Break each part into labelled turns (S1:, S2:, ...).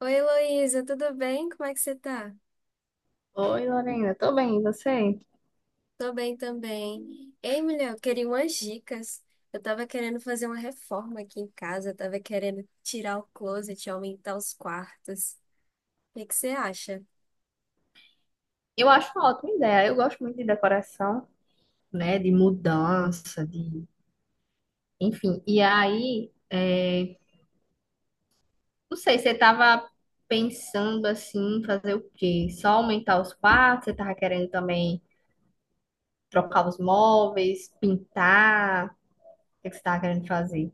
S1: Oi, Heloísa, tudo bem? Como é que você tá?
S2: Oi, Lorena, tô bem, e você?
S1: Tô bem também. Ei, mulher, eu queria umas dicas. Eu tava querendo fazer uma reforma aqui em casa, eu tava querendo tirar o closet, aumentar os quartos. O que que você acha?
S2: Eu acho uma ótima ideia. Eu gosto muito de decoração, né? De mudança, de... Enfim, e aí, não sei, você tava pensando assim, em fazer o quê? Só aumentar os quartos? Você tava querendo também trocar os móveis, pintar? O que que você tava querendo fazer?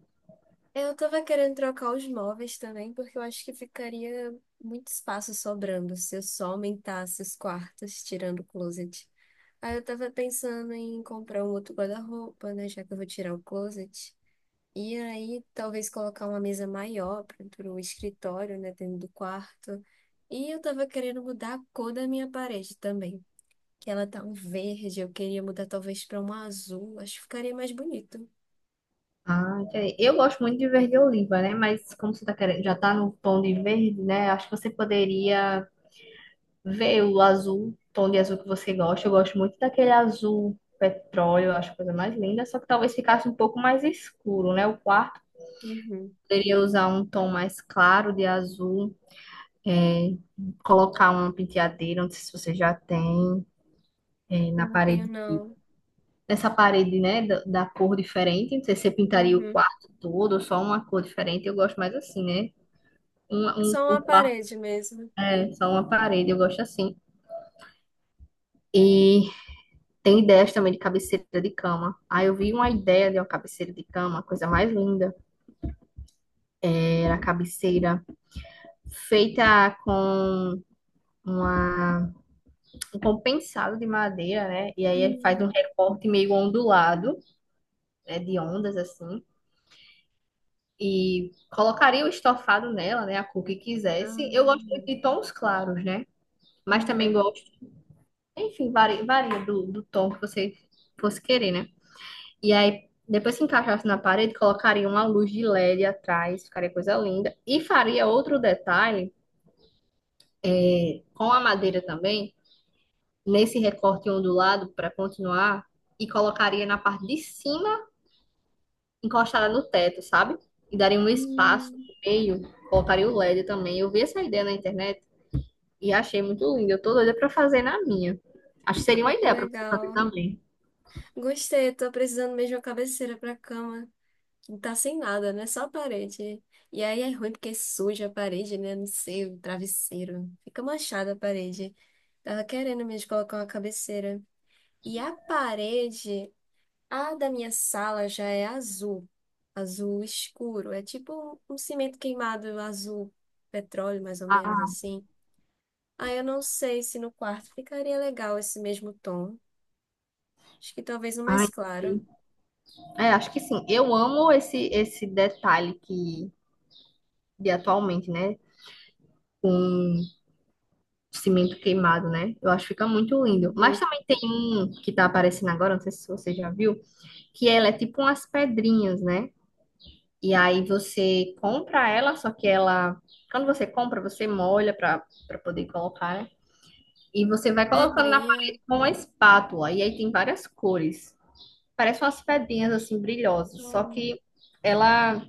S1: Eu tava querendo trocar os móveis também, porque eu acho que ficaria muito espaço sobrando se eu só aumentasse os quartos, tirando o closet. Aí eu tava pensando em comprar um outro guarda-roupa, né, já que eu vou tirar o closet. E aí, talvez colocar uma mesa maior para o escritório, né, dentro do quarto. E eu tava querendo mudar a cor da minha parede também, que ela tá um verde, eu queria mudar talvez para um azul, acho que ficaria mais bonito.
S2: Ah, entendi. Eu gosto muito de verde oliva, né? Mas como você tá querendo, já tá no tom de verde, né? Acho que você poderia. Vê o azul, tom de azul que você gosta. Eu gosto muito daquele azul petróleo, eu acho a coisa mais linda, só que talvez ficasse um pouco mais escuro, né? O quarto
S1: Uhum.
S2: poderia usar um tom mais claro de azul, é, colocar uma penteadeira, não sei se você já tem, na
S1: Eu não tenho,
S2: parede,
S1: não.
S2: nessa parede, né, da cor diferente. Não sei se você pintaria o
S1: Uhum.
S2: quarto todo ou só uma cor diferente. Eu gosto mais assim, né? Um, um,
S1: Só
S2: o
S1: uma
S2: quarto
S1: parede mesmo.
S2: é só uma parede, eu gosto assim. E tem ideias também de cabeceira de cama. Aí eu vi uma ideia de uma cabeceira de cama, a coisa mais linda. Era a cabeceira feita com uma, um compensado de madeira, né? E aí ele faz um
S1: Hum.
S2: recorte meio ondulado, né? De ondas assim. E colocaria o estofado nela, né? A cor que quisesse. Eu gosto
S1: Ah,
S2: muito de tons claros, né? Mas também
S1: aham.
S2: gosto. Enfim, varia do, do tom que você fosse querer, né? E aí, depois se encaixasse na parede, colocaria uma luz de LED atrás, ficaria coisa linda. E faria outro detalhe com a madeira também, nesse recorte ondulado para continuar, e colocaria na parte de cima, encostada no teto, sabe? E daria um espaço
S1: Hum.
S2: no meio, colocaria o LED também. Eu vi essa ideia na internet e achei muito linda. Eu tô doida para fazer na minha. Acho que seria uma
S1: Ai, que
S2: ideia para você fazer
S1: legal.
S2: também.
S1: Gostei, eu tô precisando mesmo de uma cabeceira pra cama. Não tá sem nada, né? Só a parede. E aí é ruim porque suja a parede, né? Não sei, o travesseiro. Fica manchada a parede. Tava querendo mesmo colocar uma cabeceira. E a parede, a da minha sala já é azul. Azul escuro. É tipo um cimento queimado azul, petróleo, mais ou menos
S2: Ah,
S1: assim. Aí eu não sei se no quarto ficaria legal esse mesmo tom. Acho que talvez um
S2: ai,
S1: mais claro.
S2: sim. É, acho que sim. Eu amo esse detalhe que de atualmente, né? Com cimento queimado, né? Eu acho que fica muito lindo. Mas
S1: Uhum.
S2: também tem um que tá aparecendo agora, não sei se você já viu, que ela é tipo umas pedrinhas, né? E aí você compra ela, só que ela, quando você compra, você molha para poder colocar, né? E você vai colocando na
S1: Pedrinha.
S2: parede com uma espátula. E aí tem várias cores. Parece umas pedrinhas assim brilhosas, só
S1: Hum.
S2: que ela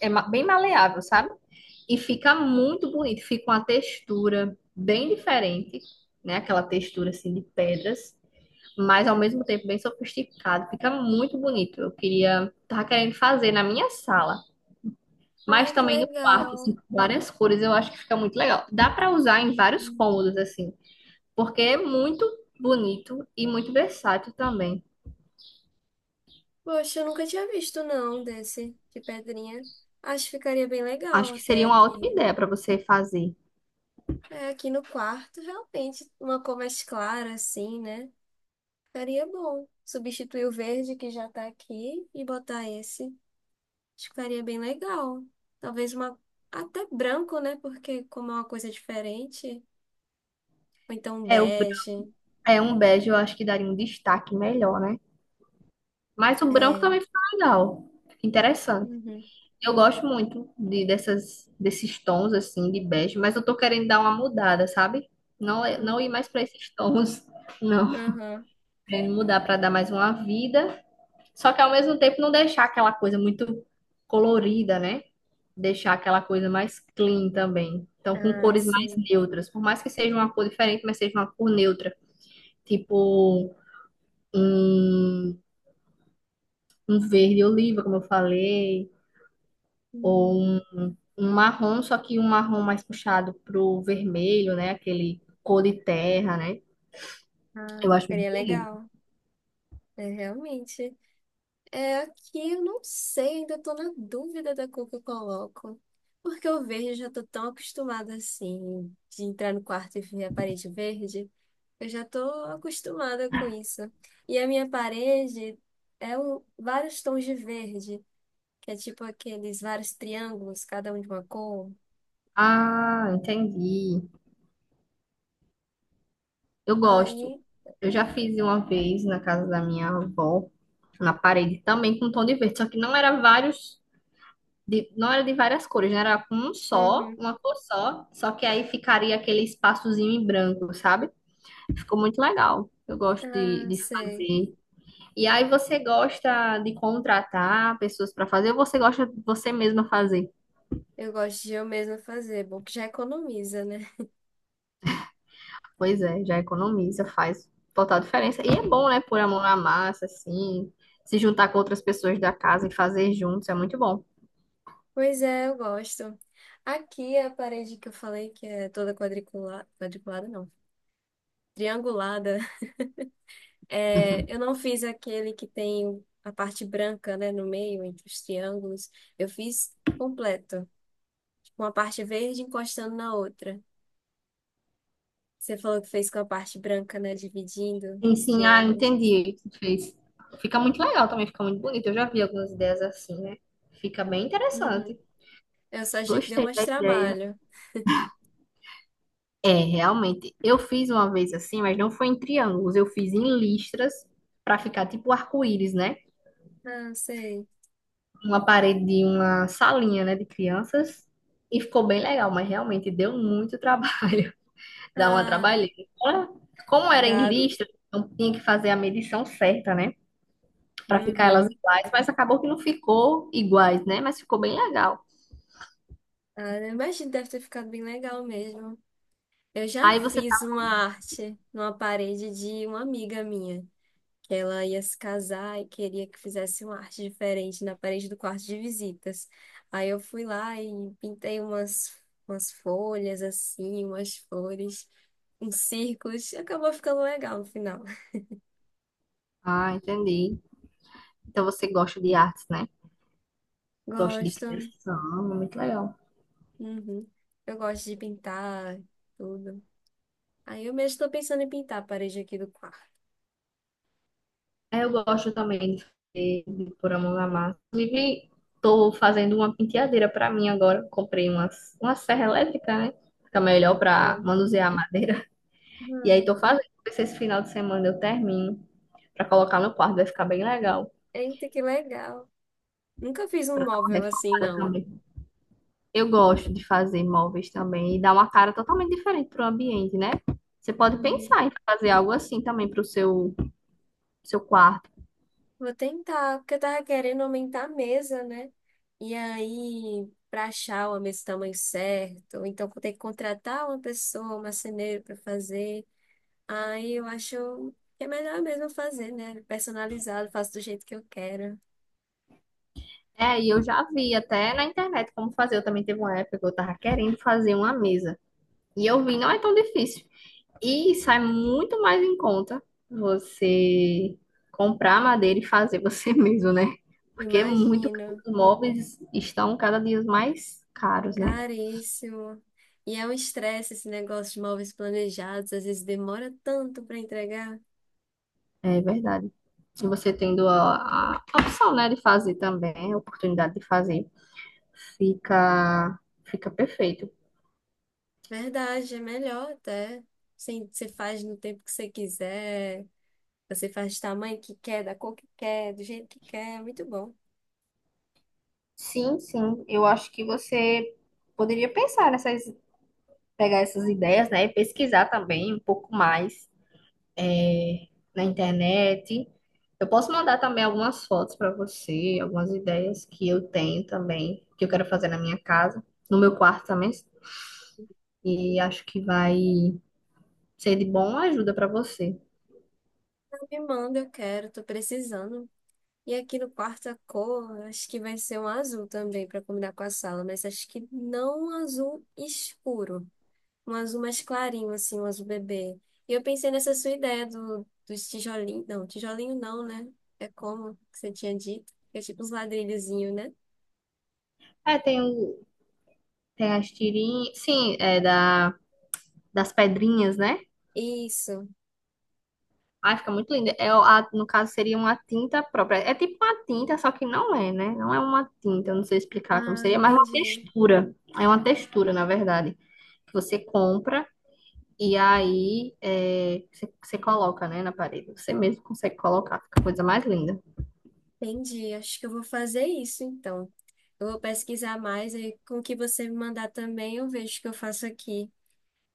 S2: é bem maleável, sabe? E fica muito bonito, fica uma textura bem diferente, né? Aquela textura assim de pedras, mas ao mesmo tempo bem sofisticado, fica muito bonito. Eu queria, tava querendo fazer na minha sala, mas
S1: Ai, que
S2: também no quarto, assim,
S1: legal.
S2: com várias cores, eu acho que fica muito legal. Dá para usar em vários
S1: Uhum.
S2: cômodos assim, porque é muito bonito e muito versátil também.
S1: Poxa, eu nunca tinha visto não desse de pedrinha. Acho que ficaria bem legal
S2: Acho que
S1: até
S2: seria uma ótima
S1: aqui.
S2: ideia para você fazer.
S1: É, aqui no quarto, realmente, uma cor mais clara assim, né? Ficaria bom. Substituir o verde que já tá aqui e botar esse. Acho que ficaria bem legal. Talvez uma até branco, né? Porque como é uma coisa diferente, ou então um
S2: É, o, bran-
S1: bege.
S2: É um bege, eu acho que daria um destaque melhor, né? Mas o branco
S1: É.
S2: também fica legal. Fica interessante.
S1: Uhum.
S2: Eu gosto muito dessas, desses tons assim de bege, mas eu tô querendo dar uma mudada, sabe? Não, não ir
S1: Hum,
S2: mais para esses tons, não.
S1: aham.
S2: Querendo mudar para dar mais uma vida. Só que ao mesmo tempo não deixar aquela coisa muito colorida, né? Deixar aquela coisa mais clean também. Então, com
S1: Ah,
S2: cores mais
S1: sim.
S2: neutras. Por mais que seja uma cor diferente, mas seja uma cor neutra. Tipo um, um verde oliva, como eu falei ou
S1: Hum.
S2: um marrom, só que um marrom mais puxado pro vermelho, né? Aquele cor de terra, né? Eu
S1: Ah,
S2: acho muito
S1: ficaria
S2: bonito.
S1: legal. É, realmente. É, aqui eu não sei, ainda tô na dúvida da cor que eu coloco. Porque o verde eu já tô tão acostumada assim, de entrar no quarto e ver a parede verde. Eu já tô acostumada com isso. E a minha parede é um, vários tons de verde, que é tipo aqueles vários triângulos, cada um de uma cor.
S2: Ah, entendi. Eu gosto.
S1: Aí,
S2: Eu já fiz uma vez na casa da minha avó, na parede também com tom de verde, só que não era vários, não era de várias cores, né? Era com um só,
S1: uhum.
S2: uma cor só, só que aí ficaria aquele espaçozinho em branco, sabe? Ficou muito legal. Eu gosto
S1: Ah,
S2: de
S1: sei.
S2: fazer. E aí você gosta de contratar pessoas para fazer ou você gosta de você mesma fazer?
S1: Eu gosto de eu mesma fazer, é bom que já economiza, né?
S2: Pois é, já economiza, faz total diferença. E é bom, né, pôr a mão na massa, assim, se juntar com outras pessoas da casa e fazer juntos, é muito bom.
S1: Pois é, eu gosto. Aqui a parede que eu falei, que é toda quadriculada, quadriculada não, triangulada, é, eu não fiz aquele que tem a parte branca, né, no meio, entre os triângulos. Eu fiz completo, com a parte verde encostando na outra. Você falou que fez com a parte branca, né, dividindo
S2: Sim,
S1: os
S2: sim, ah,
S1: triângulos.
S2: entendi o que tu fez. Fica muito legal também, fica muito bonito. Eu já vi algumas ideias assim, né? Fica bem
S1: Uhum.
S2: interessante.
S1: Eu só achei que deu
S2: Gostei da
S1: mais
S2: ideia.
S1: trabalho.
S2: É, realmente. Eu fiz uma vez assim, mas não foi em triângulos, eu fiz em listras para ficar tipo arco-íris, né?
S1: Ah, sei.
S2: Uma parede de uma salinha, né, de crianças. E ficou bem legal, mas realmente deu muito trabalho, dá uma
S1: Ah,
S2: trabalheira. Fora, como era em
S1: dá.
S2: lista, então tinha que fazer a medição certa, né, pra ficar elas
S1: Uhum.
S2: iguais, mas acabou que não ficou iguais, né, mas ficou bem legal.
S1: Ah, eu imagino que deve ter ficado bem legal mesmo. Eu já
S2: Aí você tá,
S1: fiz uma arte numa parede de uma amiga minha, que ela ia se casar e queria que fizesse uma arte diferente na parede do quarto de visitas. Aí eu fui lá e pintei umas, umas folhas assim, umas flores, uns círculos. Acabou ficando legal no final.
S2: ah, entendi. Então você gosta de artes, né? Gosta de
S1: Gosto.
S2: criação, muito legal.
S1: Uhum. Eu gosto de pintar tudo. Aí eu mesmo estou pensando em pintar a parede aqui do quarto.
S2: É, eu gosto também de fazer, de pôr a mão na massa. Inclusive, tô fazendo uma penteadeira para mim agora. Comprei umas, uma serra elétrica, né? Fica melhor para manusear a madeira. E aí
S1: Hum.
S2: tô fazendo. Ver se esse final de semana eu termino para colocar no quarto. Vai ficar bem legal.
S1: Eita, que legal. Nunca fiz um
S2: Para dar uma
S1: móvel assim,
S2: reformada
S1: não.
S2: também. Eu gosto de fazer móveis também e dar uma cara totalmente diferente pro ambiente, né? Você pode
S1: Hum,
S2: pensar em fazer algo assim também seu quarto.
S1: vou tentar, porque eu tava querendo aumentar a mesa, né? E aí, para achar uma mesa do tamanho certo, ou então vou ter que contratar uma pessoa, um marceneiro para fazer. Aí eu acho que é melhor mesmo fazer, né? Personalizado, faço do jeito que eu quero.
S2: É, e eu já vi até na internet como fazer. Eu também teve uma época que eu tava querendo fazer uma mesa. E eu vi, não é tão difícil. E sai muito mais em conta você comprar madeira e fazer você mesmo, né? Porque é muito caro.
S1: Imagino,
S2: Os móveis estão cada dia mais caros, né?
S1: caríssimo. E é um estresse esse negócio de móveis planejados, às vezes demora tanto para entregar.
S2: É verdade. Se você tendo a opção, né, de fazer também, a oportunidade de fazer, fica, fica perfeito.
S1: Verdade, é melhor até. Sim, você faz no tempo que você quiser. Você faz do tamanho que quer, da cor que quer, do jeito que quer, muito bom.
S2: Sim, sim. Eu acho que você poderia pensar nessas pegar essas ideias, né? Pesquisar também um pouco mais é, na internet. Eu posso mandar também algumas fotos para você, algumas ideias que eu tenho também, que eu quero fazer na minha casa, no meu quarto também. E acho que vai ser de bom ajuda para você.
S1: Ela me manda, eu quero, tô precisando. E aqui no quarto a cor, acho que vai ser um azul também para combinar com a sala, mas acho que não um azul escuro, um azul mais clarinho, assim, um azul bebê. E eu pensei nessa sua ideia do, dos tijolinhos, não, tijolinho não, né? É como que você tinha dito, que é tipo uns ladrilhozinhos, né?
S2: É, tem, tem as tirinhas, sim, é das pedrinhas, né?
S1: Isso.
S2: Ai, fica muito linda. É, no caso, seria uma tinta própria. É tipo uma tinta, só que não é, né? Não é uma tinta, eu não sei explicar como
S1: Ah,
S2: seria, mas é uma
S1: entendi.
S2: textura. É uma textura, na verdade, que você compra e aí é, você coloca, né, na parede. Você mesmo consegue colocar, fica a coisa mais linda.
S1: Entendi. Acho que eu vou fazer isso então. Eu vou pesquisar mais e com o que você me mandar também eu vejo o que eu faço aqui.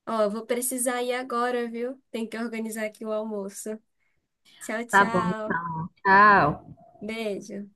S1: Ó, eu vou precisar ir agora, viu? Tem que organizar aqui o almoço. Tchau,
S2: Tá bom,
S1: tchau.
S2: então. Tchau.
S1: Beijo.